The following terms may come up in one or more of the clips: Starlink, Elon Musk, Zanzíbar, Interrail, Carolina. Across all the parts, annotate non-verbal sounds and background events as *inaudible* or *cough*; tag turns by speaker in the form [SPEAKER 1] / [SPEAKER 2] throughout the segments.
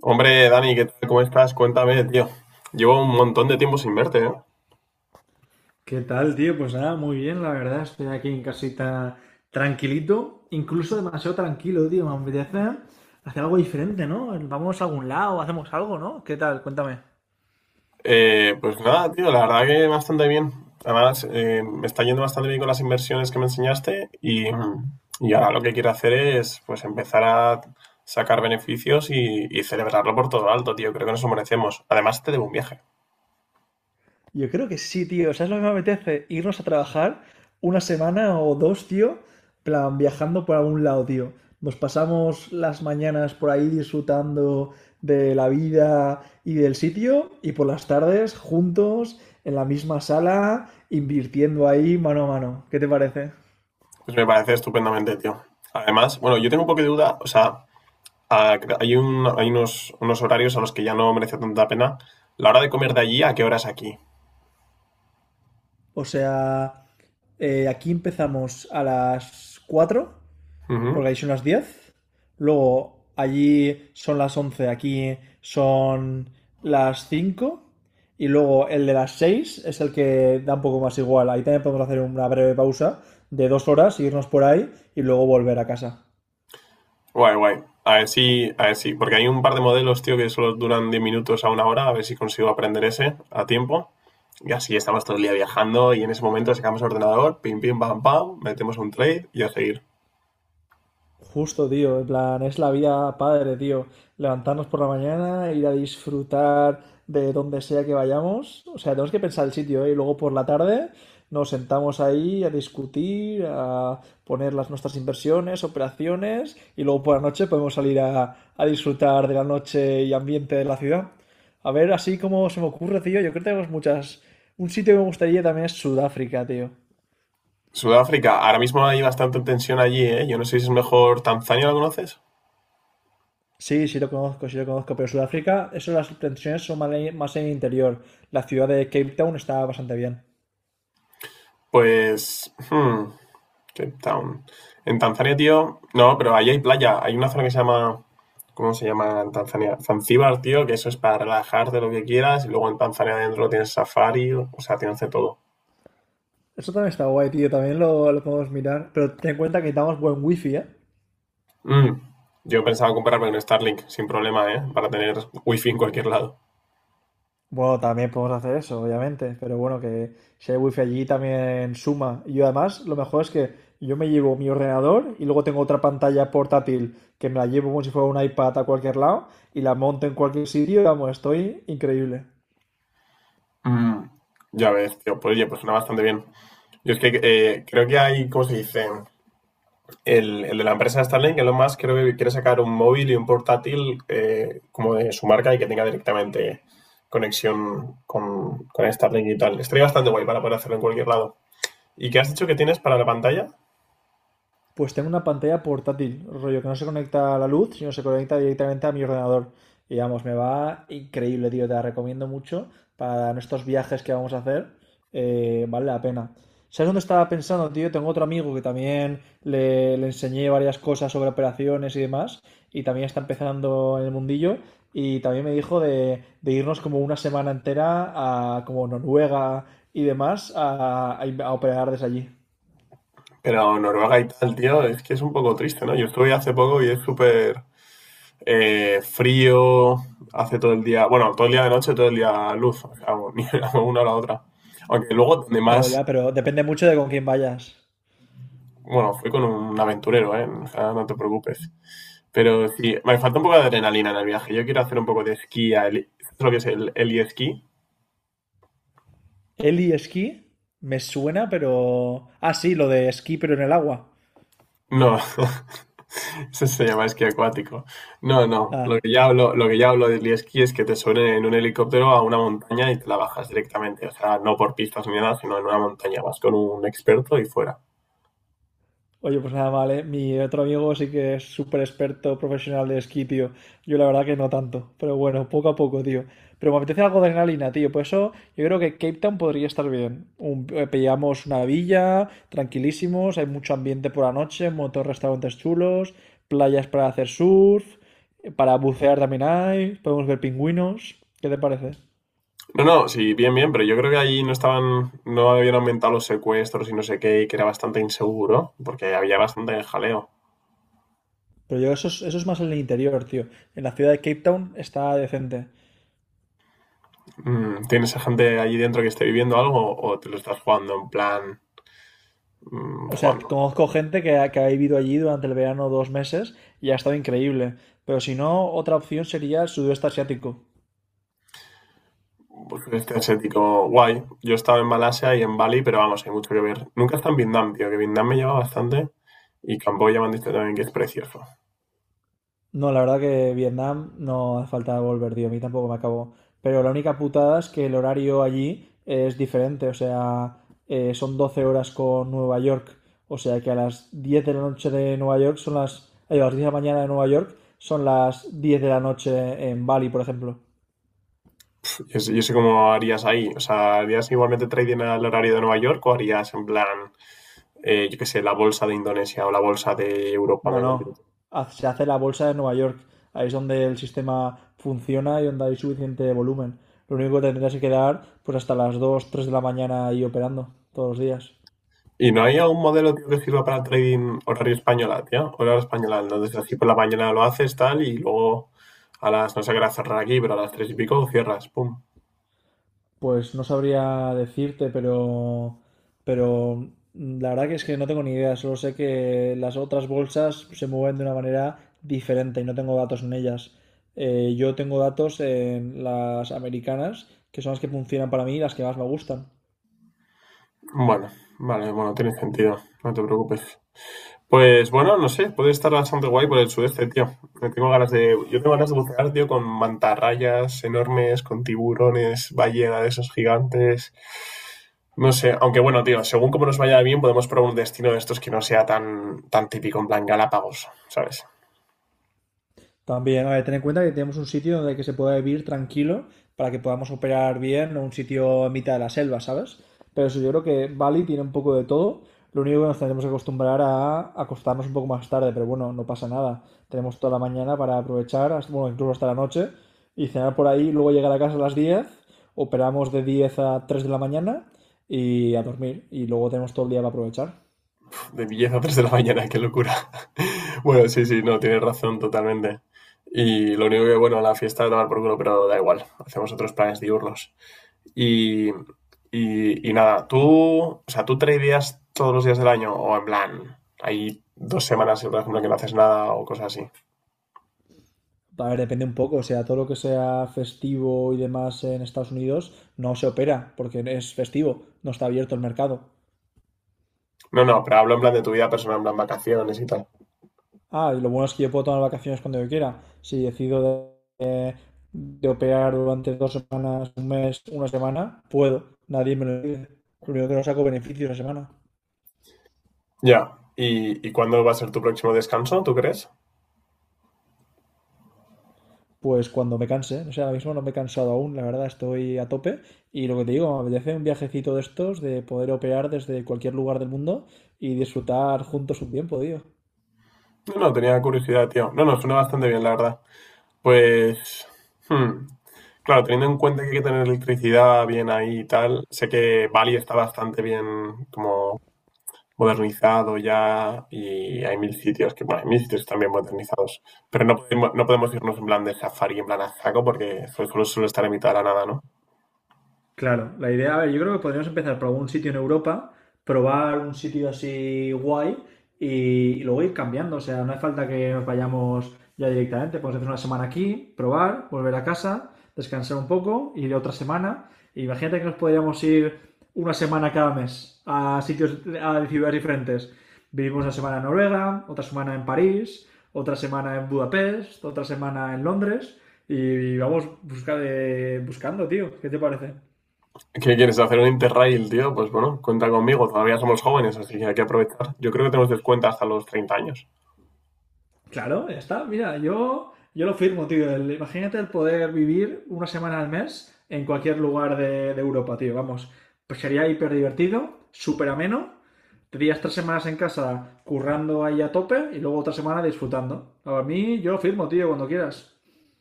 [SPEAKER 1] Hombre, Dani, ¿qué tal? ¿Cómo estás? Cuéntame, tío. Llevo un montón de tiempo sin verte, ¿eh?
[SPEAKER 2] ¿Qué tal, tío? Pues nada, muy bien, la verdad. Estoy aquí en casita tranquilito, incluso demasiado tranquilo, tío. Me apetece hacer algo diferente, ¿no? Vamos a algún lado, hacemos algo, ¿no? ¿Qué tal? Cuéntame.
[SPEAKER 1] Pues nada, tío, la verdad que bastante bien. Además, me está yendo bastante bien con las inversiones que me enseñaste y y ahora lo que quiero hacer es pues empezar a sacar beneficios y celebrarlo por todo lo alto, tío. Creo que nos lo merecemos. Además, te debo un viaje.
[SPEAKER 2] Yo creo que sí, tío. ¿Sabes lo que me apetece? Irnos a trabajar una semana o dos, tío. Plan, viajando por algún lado, tío. Nos pasamos las mañanas por ahí disfrutando de la vida y del sitio y por las tardes juntos en la misma sala, invirtiendo ahí mano a mano. ¿Qué te parece?
[SPEAKER 1] Pues me parece estupendamente, tío. Además, bueno, yo tengo un poco de duda, o sea, hay hay unos horarios a los que ya no merece tanta pena. La hora de comer de allí, ¿a qué hora es aquí?
[SPEAKER 2] O sea, aquí empezamos a las 4
[SPEAKER 1] Ujú.
[SPEAKER 2] porque ahí son las 10. Luego allí son las 11, aquí son las 5. Y luego el de las 6 es el que da un poco más igual. Ahí también podemos hacer una breve pausa de 2 horas, irnos por ahí y luego volver a casa.
[SPEAKER 1] Guay, guay. A ver si, porque hay un par de modelos, tío, que solo duran 10 minutos a una hora, a ver si consigo aprender ese a tiempo. Y así estamos todo el día viajando y en ese momento sacamos el ordenador, pim, pim, pam, pam, metemos un trade y a seguir.
[SPEAKER 2] Justo, tío, en plan, es la vida padre, tío. Levantarnos por la mañana, ir a disfrutar de donde sea que vayamos. O sea, tenemos que pensar el sitio, ¿eh? Y luego por la tarde nos sentamos ahí a discutir, a poner las nuestras inversiones, operaciones, y luego por la noche podemos salir a disfrutar de la noche y ambiente de la ciudad. A ver, así como se me ocurre, tío, yo creo que tenemos muchas... Un sitio que me gustaría también es Sudáfrica, tío.
[SPEAKER 1] Sudáfrica, ahora mismo hay bastante tensión allí, ¿eh? Yo no sé si es mejor Tanzania, ¿lo conoces?
[SPEAKER 2] Sí, sí lo conozco, pero Sudáfrica, eso las tensiones son más en el interior. La ciudad de Cape Town está bastante bien.
[SPEAKER 1] Pues, hmm, Cape Town. En Tanzania, tío, no, pero ahí hay playa. Hay una zona que se llama, ¿cómo se llama en Tanzania? Zanzíbar, tío, que eso es para relajarte lo que quieras. Y luego en Tanzania adentro tienes safari, o sea, tienes de todo.
[SPEAKER 2] Eso también está guay, tío, también lo podemos mirar. Pero ten en cuenta que necesitamos buen wifi, ¿eh?
[SPEAKER 1] Mm. Yo pensaba comprarme un Starlink sin problema, ¿eh? Para tener wifi en cualquier lado.
[SPEAKER 2] Bueno, también podemos hacer eso, obviamente, pero bueno, que si hay wifi allí también suma. Y yo además, lo mejor es que yo me llevo mi ordenador y luego tengo otra pantalla portátil que me la llevo como si fuera un iPad a cualquier lado y la monto en cualquier sitio, vamos, estoy increíble.
[SPEAKER 1] Mm. Ya ves, tío, pues oye, pues suena bastante bien. Yo es que creo que hay, ¿cómo se dice? El de la empresa Starlink, Elon Musk, creo que quiere sacar un móvil y un portátil como de su marca y que tenga directamente conexión con Starlink y tal. Estaría bastante guay para poder hacerlo en cualquier lado. ¿Y qué has dicho que tienes para la pantalla?
[SPEAKER 2] Pues tengo una pantalla portátil, rollo que no se conecta a la luz, sino se conecta directamente a mi ordenador. Y vamos, me va increíble, tío. Te la recomiendo mucho para nuestros viajes que vamos a hacer. Vale la pena. ¿Sabes dónde estaba pensando, tío? Tengo otro amigo que también le enseñé varias cosas sobre operaciones y demás. Y también está empezando en el mundillo. Y también me dijo de irnos como una semana entera a como Noruega y demás a, a operar desde allí.
[SPEAKER 1] Pero Noruega y tal, tío, es que es un poco triste, ¿no? Yo estuve hace poco y es súper frío, hace todo el día, bueno, todo el día de noche, todo el día luz, o sea, ni *laughs* una o la otra. Aunque luego,
[SPEAKER 2] Bueno,
[SPEAKER 1] además
[SPEAKER 2] ya, pero depende mucho de con quién vayas.
[SPEAKER 1] bueno, fui con un aventurero, ¿eh? O sea, no te preocupes. Pero sí, me falta un poco de adrenalina en el viaje. Yo quiero hacer un poco de esquí, a heli- ¿sabes lo que es el heli?
[SPEAKER 2] Eli esquí me suena, pero. Ah, sí, lo de esquí, pero en el agua.
[SPEAKER 1] No, *laughs* eso se llama esquí acuático. No, no,
[SPEAKER 2] Ah,
[SPEAKER 1] lo que ya hablo de heli-esquí es que te suben en un helicóptero a una montaña y te la bajas directamente. O sea, no por pistas ni nada, sino en una montaña. Vas con un experto y fuera.
[SPEAKER 2] oye, pues nada mal, ¿eh? Mi otro amigo sí que es súper experto profesional de esquí, tío. Yo la verdad que no tanto, pero bueno, poco a poco, tío. Pero me apetece algo de adrenalina, tío. Por eso yo creo que Cape Town podría estar bien. Pillamos una villa, tranquilísimos, hay mucho ambiente por la noche, muchos restaurantes chulos, playas para hacer surf, para bucear también hay, podemos ver pingüinos. ¿Qué te parece?
[SPEAKER 1] No, no, sí, bien, bien, pero yo creo que allí no no habían aumentado los secuestros y no sé qué, y que era bastante inseguro, porque había bastante jaleo.
[SPEAKER 2] Pero yo eso es más en el interior, tío. En la ciudad de Cape Town está decente.
[SPEAKER 1] Mm, ¿tienes a gente allí dentro que esté viviendo algo o te lo estás jugando en plan, mm,
[SPEAKER 2] O sea,
[SPEAKER 1] jugando?
[SPEAKER 2] conozco gente que ha vivido allí durante el verano 2 meses y ha estado increíble. Pero si no, otra opción sería el sudeste asiático.
[SPEAKER 1] Pues este asiático, guay. Yo estaba en Malasia y en Bali, pero vamos, hay mucho que ver. Nunca está en Vietnam, tío, que Vietnam me lleva bastante. Y Camboya me han dicho también que es precioso.
[SPEAKER 2] No, la verdad que Vietnam no hace falta volver, tío. A mí tampoco me acabó. Pero la única putada es que el horario allí es diferente. O sea, son 12 horas con Nueva York. O sea que a las 10 de la noche de Nueva York son las... ay, a las 10 de la mañana de Nueva York son las 10 de la noche en Bali, por ejemplo.
[SPEAKER 1] Yo sé cómo harías ahí. O sea, ¿harías igualmente trading al horario de Nueva York o harías en plan, yo qué sé, la bolsa de Indonesia o la bolsa de Europa?
[SPEAKER 2] No, no. Haz- se hace la bolsa de Nueva York. Ahí es donde el sistema funciona y donde hay suficiente volumen. Lo único que tendrías que quedar pues hasta las 2, 3 de la mañana ahí operando todos los días.
[SPEAKER 1] ¿Y no hay algún modelo tío, que sirva para trading horario española, tío? Horario española, entonces así por la mañana lo haces, tal, y luego a las, no sé qué hora cerrar aquí, pero a las tres y pico cierras, pum.
[SPEAKER 2] Pues no sabría decirte, pero la verdad que es que no tengo ni idea. Solo sé que las otras bolsas se mueven de una manera diferente y no tengo datos en ellas. Yo tengo datos en las americanas, que son las que funcionan para mí y las que más me gustan.
[SPEAKER 1] Bueno, vale, bueno, tiene sentido, no te preocupes. Pues bueno, no sé, puede estar bastante guay por el sudeste, tío. Me tengo ganas de, yo tengo ganas de bucear, tío, con mantarrayas enormes, con tiburones, ballena de esos gigantes. No sé, aunque bueno, tío, según como nos vaya bien, podemos probar un destino de estos que no sea tan típico, en plan Galápagos, ¿sabes?
[SPEAKER 2] También, a ver, ten en cuenta que tenemos un sitio donde que se pueda vivir tranquilo para que podamos operar bien, no un sitio en mitad de la selva, ¿sabes? Pero eso yo creo que Bali tiene un poco de todo. Lo único que nos tendremos que acostumbrar a acostarnos un poco más tarde, pero bueno, no pasa nada. Tenemos toda la mañana para aprovechar, bueno, incluso hasta la noche, y cenar por ahí, luego llegar a casa a las 10, operamos de 10 a 3 de la mañana y a dormir, y luego tenemos todo el día para aprovechar.
[SPEAKER 1] De billetes a 3 de la mañana, qué locura. *laughs* Bueno, sí, sí, no, tienes razón totalmente. Y lo único que, bueno, la fiesta de tomar por culo, pero da igual, hacemos otros planes diurnos. Y, y nada, tú, o sea, tú tradeas todos los días del año o en plan, hay 2 semanas, por ejemplo, que no haces nada o cosas así.
[SPEAKER 2] A ver, depende un poco, o sea, todo lo que sea festivo y demás en Estados Unidos no se opera porque es festivo, no está abierto el mercado.
[SPEAKER 1] No, no, pero hablo en plan de tu vida personal, en plan vacaciones y tal.
[SPEAKER 2] Ah, y lo bueno es que yo puedo tomar vacaciones cuando yo quiera. Si decido de, eh, de operar durante 2 semanas, un mes, una semana, puedo. Nadie me lo pide. Lo único que no saco beneficios esa semana.
[SPEAKER 1] Ya, ¿y, y cuándo va a ser tu próximo descanso, tú crees?
[SPEAKER 2] Pues cuando me canse. O sea, ahora mismo no me he cansado aún, la verdad, estoy a tope. Y lo que te digo, me apetece un viajecito de estos, de poder operar desde cualquier lugar del mundo y disfrutar juntos un tiempo, tío.
[SPEAKER 1] No, no, tenía curiosidad, tío. No, no, suena bastante bien, la verdad. Pues, hmm, claro, teniendo en cuenta que hay que tener electricidad bien ahí y tal, sé que Bali está bastante bien como modernizado ya y hay mil sitios que, bueno, hay mil sitios también modernizados, pero no podemos irnos en plan de safari, en plan a saco, porque solo suele estar en mitad de la nada, ¿no?
[SPEAKER 2] Claro, la idea, a ver, yo creo que podríamos empezar por algún sitio en Europa, probar un sitio así guay y, y luego ir cambiando. O sea, no hace falta que nos vayamos ya directamente. Podemos hacer una semana aquí, probar, volver a casa, descansar un poco, ir otra semana. Imagínate que nos podríamos ir una semana cada mes a sitios, a ciudades diferentes. Vivimos una semana en Noruega, otra semana en París, otra semana en Budapest, otra semana en Londres y vamos buscar, buscando, tío. ¿Qué te parece?
[SPEAKER 1] ¿Qué quieres hacer un Interrail, tío? Pues bueno, cuenta conmigo, todavía somos jóvenes, así que hay que aprovechar. Yo creo que tenemos descuento hasta los 30 años.
[SPEAKER 2] Claro, ya está. Mira, yo lo firmo, tío. El- imagínate el poder vivir una semana al mes en cualquier lugar de Europa, tío. Vamos, pues sería hiper divertido, súper ameno. Tendrías 3 semanas en casa currando ahí a tope y luego otra semana disfrutando. A mí, yo lo firmo, tío, cuando quieras.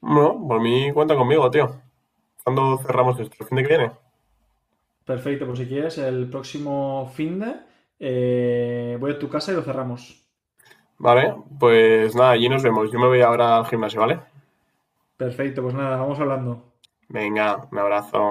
[SPEAKER 1] Bueno, por mí cuenta conmigo, tío. ¿Cuándo cerramos esto? ¿El fin de que viene?
[SPEAKER 2] Perfecto, pues si quieres, el próximo finde de voy a tu casa y lo cerramos.
[SPEAKER 1] Vale, pues nada, allí nos vemos. Yo me voy ahora al gimnasio, ¿vale?
[SPEAKER 2] Perfecto, pues nada, vamos hablando.
[SPEAKER 1] Venga, un abrazo.